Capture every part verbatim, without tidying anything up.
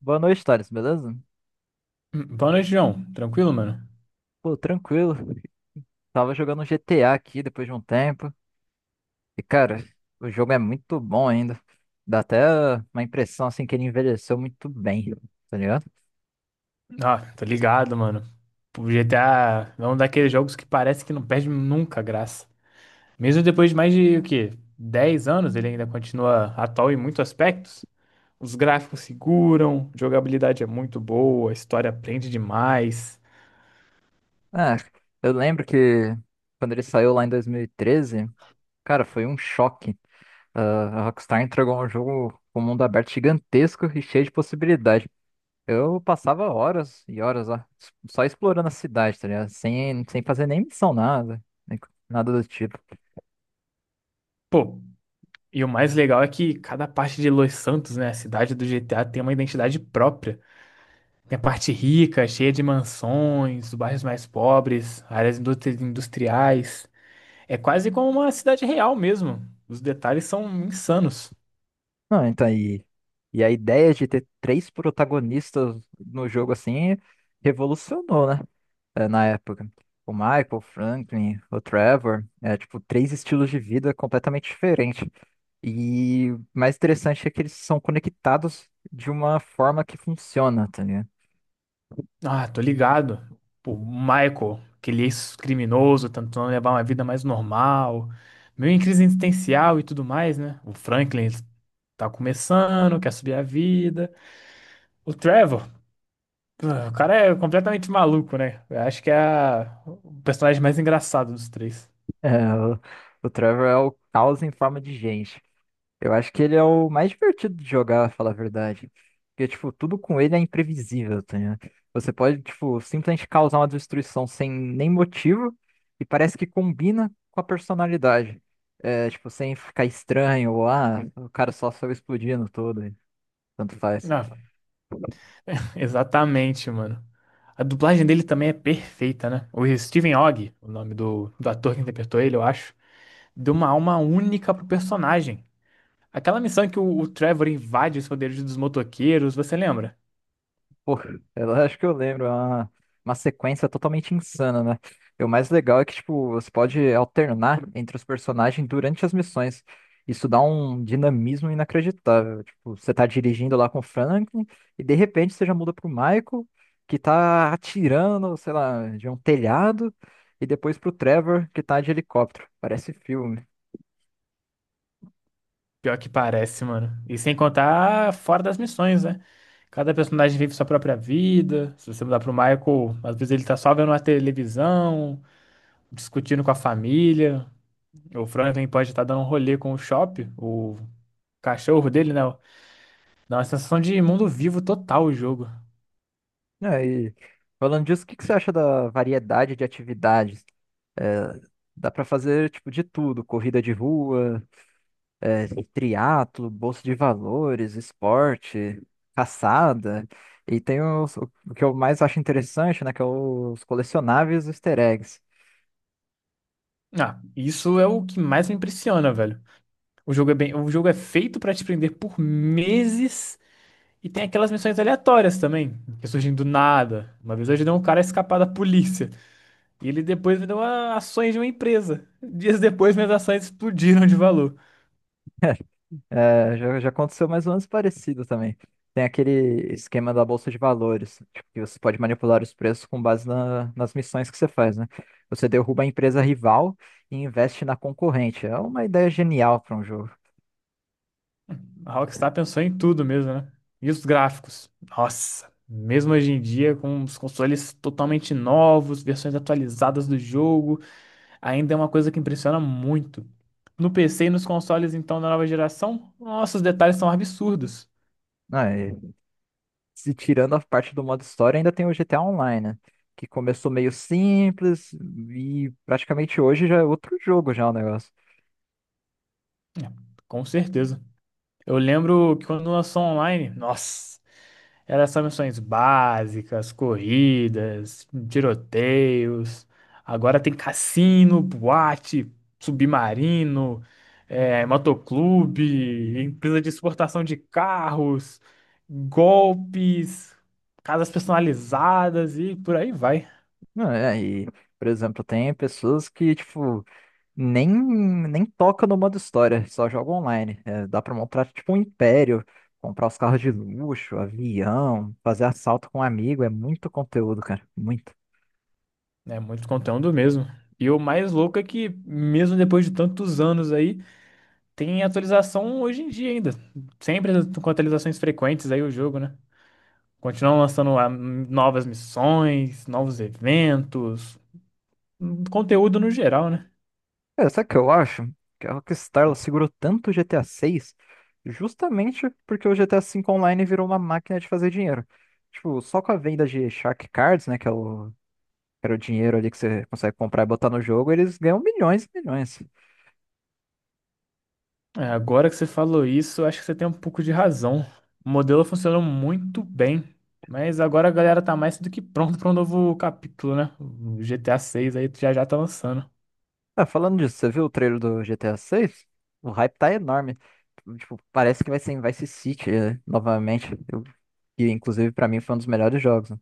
Boa noite, Thales, beleza? Hum, Boa noite, João. Tranquilo, mano? Pô, tranquilo. Tava jogando um G T A aqui depois de um tempo. E, cara, o jogo é muito bom ainda. Dá até uma impressão, assim, que ele envelheceu muito bem, tá ligado? Ah, tô ligado, mano. O G T A é um daqueles jogos que parece que não perde nunca a graça. Mesmo depois de mais de, o quê? Dez anos, ele ainda continua atual em muitos aspectos. Os gráficos seguram, a jogabilidade é muito boa, a história prende demais. Ah, eu lembro que quando ele saiu lá em dois mil e treze, cara, foi um choque. Ah, a Rockstar entregou um jogo com um mundo aberto gigantesco e cheio de possibilidade. Eu passava horas e horas lá, só explorando a cidade, tá ligado? Sem, sem fazer nem missão, nada, nem co- nada do tipo. Pô, e o mais legal é que cada parte de Los Santos, né, a cidade do G T A, tem uma identidade própria. Tem a parte rica, cheia de mansões, bairros mais pobres, áreas industri- industriais. É quase como uma cidade real mesmo. Os detalhes são insanos. Não, então, e, e a ideia de ter três protagonistas no jogo assim revolucionou, né? É, na época. O Michael, o Franklin, o Trevor, é tipo três estilos de vida completamente diferentes. E o mais interessante é que eles são conectados de uma forma que funciona, tá ligado? Ah, tô ligado. O Michael, aquele ex-criminoso, tentando levar uma vida mais normal, meio em crise existencial e tudo mais, né? O Franklin ele tá começando, quer subir a vida. O Trevor, ah, o cara é completamente maluco, né? Eu acho que é a- o personagem mais engraçado dos três. É, o, o Trevor é o caos em forma de gente. Eu acho que ele é o mais divertido de jogar, falar a verdade. Porque, tipo, tudo com ele é imprevisível, tá ligado? Você pode, tipo, simplesmente causar uma destruição sem nem motivo e parece que combina com a personalidade. É, tipo, sem ficar estranho ou, ah, o cara só saiu explodindo todo, e tanto faz. Ah, exatamente, mano. A dublagem dele também é perfeita, né? O Steven Ogg, o nome do, do ator que interpretou ele, eu acho, deu uma alma única pro personagem. Aquela missão em que o, o Trevor invade os poderes dos motoqueiros, você lembra? Pô, eu acho que eu lembro, é uma, uma sequência totalmente insana, né? E o mais legal é que, tipo, você pode alternar entre os personagens durante as missões. Isso dá um dinamismo inacreditável. Tipo, você tá dirigindo lá com o Franklin e de repente você já muda pro Michael, que tá atirando, sei lá, de um telhado, e depois pro Trevor, que tá de helicóptero. Parece filme. Pior que parece, mano. E sem contar fora das missões, né? Cada personagem vive sua própria vida. Se você mudar pro Michael, às vezes ele tá só vendo a televisão, discutindo com a família. O Franklin pode estar dando um rolê com o Chop, o cachorro dele, né? Dá uma sensação de mundo vivo total o jogo. É, e falando disso, o que que você acha da variedade de atividades? É, Dá pra fazer tipo de tudo, corrida de rua, é, triatlo, bolsa de valores, esporte, caçada. E tem os- o que eu mais acho interessante, né, que é os colecionáveis e os easter eggs. Ah, isso é o que mais me impressiona, velho. O jogo é bem, o jogo é feito pra te prender por meses e tem aquelas missões aleatórias também, que surgem do nada. Uma vez eu ajudei um cara a escapar da polícia e ele depois me deu a- ações de uma empresa. Dias depois minhas ações explodiram de valor. É, já, já aconteceu mais ou menos parecido também. Tem aquele esquema da bolsa de valores, tipo, que você pode manipular os preços com base na- nas missões que você faz, né? Você derruba a empresa rival e investe na concorrente. É uma ideia genial para um jogo, A Rockstar pensou em tudo mesmo, né? E os gráficos? Nossa, mesmo hoje em dia com os consoles totalmente novos, versões atualizadas do jogo, ainda é uma coisa que impressiona muito. No P C e nos consoles, então, da nova geração, nossa, os detalhes são absurdos. né? Se tirando a parte do modo história, ainda tem o G T A Online, né? Que começou meio simples e praticamente hoje já é outro jogo já o negócio. É, com certeza. Eu lembro que quando lançou online, nossa, eram só missões básicas, corridas, tiroteios. Agora tem cassino, boate, submarino, é, motoclube, empresa de exportação de carros, golpes, casas personalizadas e por aí vai. Não, é, e, por exemplo, tem pessoas que, tipo, nem, nem tocam no modo história, só jogam online. É, dá pra montar, tipo, um império, comprar os carros de luxo, avião, fazer assalto com um amigo, é muito conteúdo, cara, muito. É muito conteúdo mesmo. E o mais louco é que, mesmo depois de tantos anos aí, tem atualização hoje em dia ainda. Sempre com atualizações frequentes aí o jogo, né? Continuam lançando ah, novas missões, novos eventos, conteúdo no geral, né? Cara, sabe o que eu acho? Que a Rockstar ela segurou tanto o G T A seis justamente porque o G T A V Online virou uma máquina de fazer dinheiro. Tipo, só com a venda de Shark Cards, né, que é o, que era o dinheiro ali que você consegue comprar e botar no jogo, eles ganham milhões e milhões. É, agora que você falou isso, acho que você tem um pouco de razão. O modelo funcionou muito bem, mas agora a galera tá mais do que pronta para um novo capítulo, né? O G T A seis aí já já tá lançando. Ah, falando disso, você viu o trailer do G T A seis? O hype tá enorme. Tipo, parece que vai ser em Vice City, eh, novamente. Eu- que inclusive pra mim foi um dos melhores jogos, né?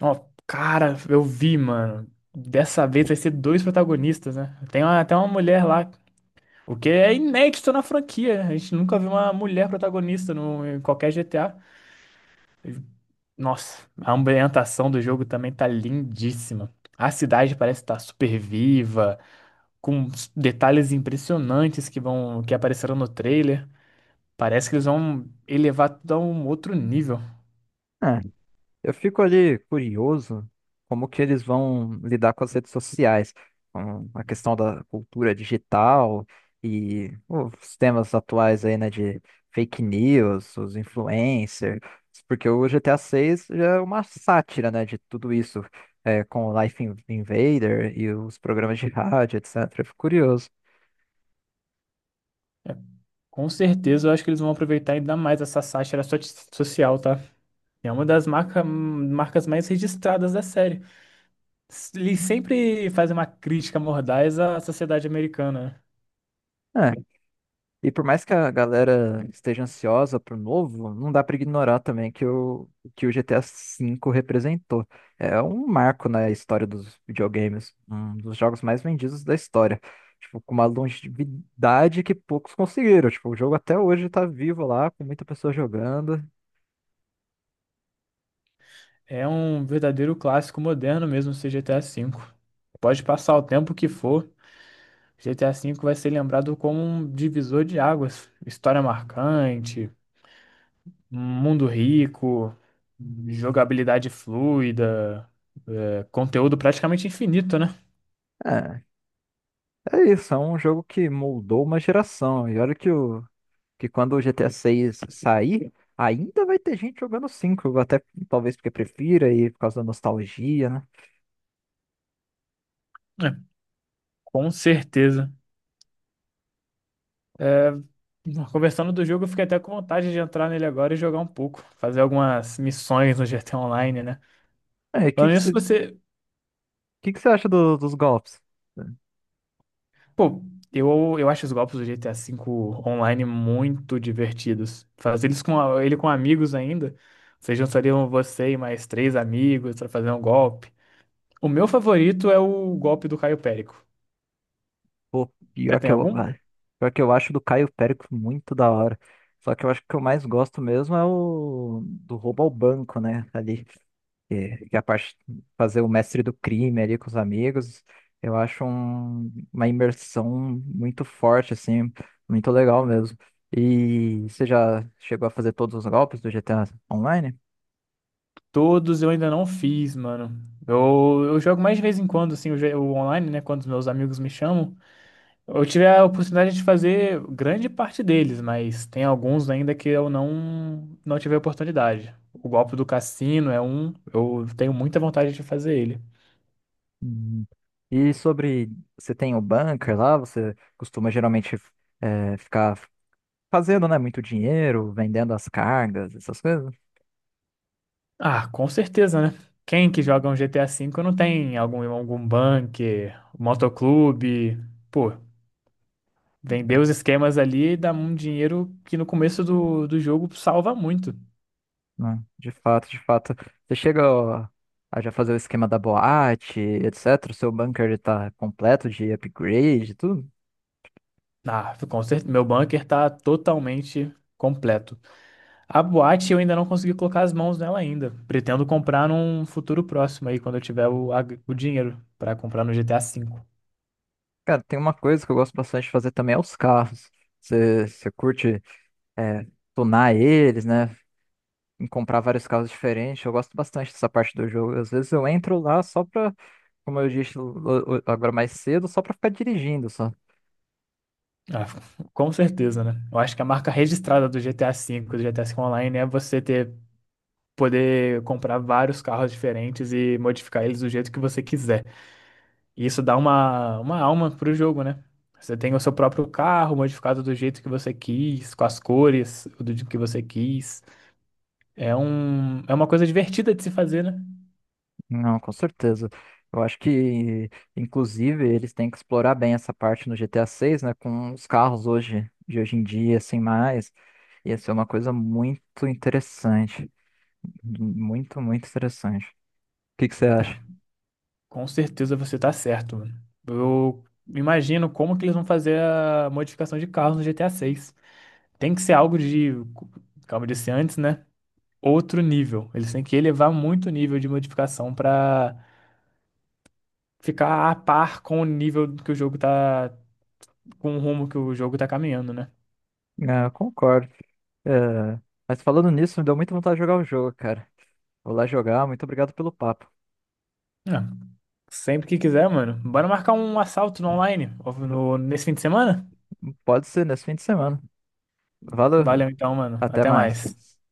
Ó, cara, eu vi, mano. Dessa vez vai ser dois protagonistas, né? Tem uma- até uma mulher lá, o que é inédito na franquia, né? A gente nunca viu uma mulher protagonista no, em qualquer G T A. Nossa, a ambientação do jogo também tá lindíssima. A cidade parece estar super viva, com s- detalhes impressionantes que vão, que apareceram no trailer. Parece que eles vão elevar tudo a um outro nível. É, eu fico ali curioso como que eles vão lidar com as redes sociais, com a questão da cultura digital e os temas atuais aí, né, de fake news, os influencers, porque o G T a seis já é uma sátira, né, de tudo isso, é, com o Life Invader e os programas de rádio, etcetera. Eu fico curioso. Com certeza, eu acho que eles vão aproveitar ainda mais essa sátira so- social, tá? É uma das marca, marcas mais registradas da série. Ele sempre faz uma crítica mordaz à sociedade americana. É, e por mais que a galera esteja ansiosa pro novo, não dá pra ignorar também que o, que o G T A V representou. É um marco na história dos videogames, um dos jogos mais vendidos da história. Tipo, com uma longevidade que poucos conseguiram. Tipo, o jogo até hoje tá vivo lá, com muita pessoa jogando. É um verdadeiro clássico moderno mesmo, esse G T A V. Pode passar o tempo que for, G T A V vai ser lembrado como um divisor de águas. História marcante, mundo rico, jogabilidade fluida, é, conteúdo praticamente infinito, né? É, é isso, é um jogo que moldou uma geração. E olha que o, que quando o G T A seis sair, ainda vai ter gente jogando cinco até talvez porque prefira e por causa da nostalgia, né? É, com certeza. É, conversando do jogo, eu fiquei até com vontade de entrar nele agora e jogar um pouco, fazer algumas missões no G T A Online, né? É, o que Falando que nisso, você você. que que você acha do- dos golpes? Pô, eu, eu acho os golpes do G T A V online muito divertidos. Fazer eles com, a- ele com amigos ainda. Vocês juntariam você e mais três amigos pra fazer um golpe. O meu favorito é o golpe do Caio Périco. Pô, Você pior que tem eu, algum? ah, pior que eu acho do Caio Périco muito da hora. Só que eu acho que o que eu mais gosto mesmo é o do roubo ao banco, né? Ali. Que, que a parte fazer o mestre do crime ali com os amigos, eu acho um- uma imersão muito forte, assim, muito legal mesmo. E você já chegou a fazer todos os golpes do G T A Online? Todos eu ainda não fiz, mano. Eu, eu jogo mais de vez em quando, assim, o, jo- o online, né? Quando os meus amigos me chamam. Eu tive a oportunidade de fazer grande parte deles, mas tem alguns ainda que eu não, não tive a oportunidade. O golpe do cassino é um, eu tenho muita vontade de fazer ele. Hum. E sobre, você tem o bunker lá, você costuma geralmente eh, ficar fazendo, né, muito dinheiro, vendendo as cargas, essas coisas? Ah, com certeza, né? Quem que joga um G T A V não tem algum, algum bunker, um motoclube? Pô, vender os esquemas ali dá um dinheiro que no começo do, do jogo salva muito. Né? De fato, de fato. Você chega ó, a já fazer o esquema da boate, etcetera. O seu bunker ele tá completo de upgrade, e tudo. Ah, com certeza, meu bunker tá totalmente completo. A boate eu ainda não consegui colocar as mãos nela ainda. Pretendo comprar num futuro próximo aí, quando eu tiver o, a- o dinheiro pra comprar no G T A V. Cara, tem uma coisa que eu gosto bastante de fazer também é os carros. Você, você curte é, tunar eles, né? em Comprar vários carros diferentes. Eu gosto bastante dessa parte do jogo. Às vezes eu entro lá só pra, como eu disse o- o- agora mais cedo, só pra ficar dirigindo, só. Ah, com certeza, né? Eu acho que a marca registrada do G T A V, do G T A V Online, é você ter poder comprar vários carros diferentes e modificar eles do jeito que você quiser. E isso dá uma, uma alma pro jogo, né? Você tem o seu próprio carro modificado do jeito que você quis, com as cores do jeito que você quis. É um, é uma coisa divertida de se fazer, né? Não, com certeza. Eu acho que, inclusive, eles têm que explorar bem essa parte no G T A seis, né? Com os carros hoje, de hoje em dia, assim, mais. Ia ser uma coisa muito interessante. Muito, muito interessante. O que que você acha? Com certeza você tá certo, mano. Eu imagino como que eles vão fazer a modificação de carros no G T A seis. Tem que ser algo de, como eu disse antes, né? Outro nível. Eles têm que elevar muito o nível de modificação pra ficar a par com o nível que o jogo tá, com o rumo que o jogo tá caminhando, né? É, eu concordo. É, mas falando nisso, me deu muita vontade de jogar o jogo, cara. Vou lá jogar. Muito obrigado pelo papo. É. Sempre que quiser, mano. Bora marcar um assalto no online ó, no- nesse fim de semana? Pode ser nesse fim de semana. Valeu. Valeu então, mano. Até Até mais. mais.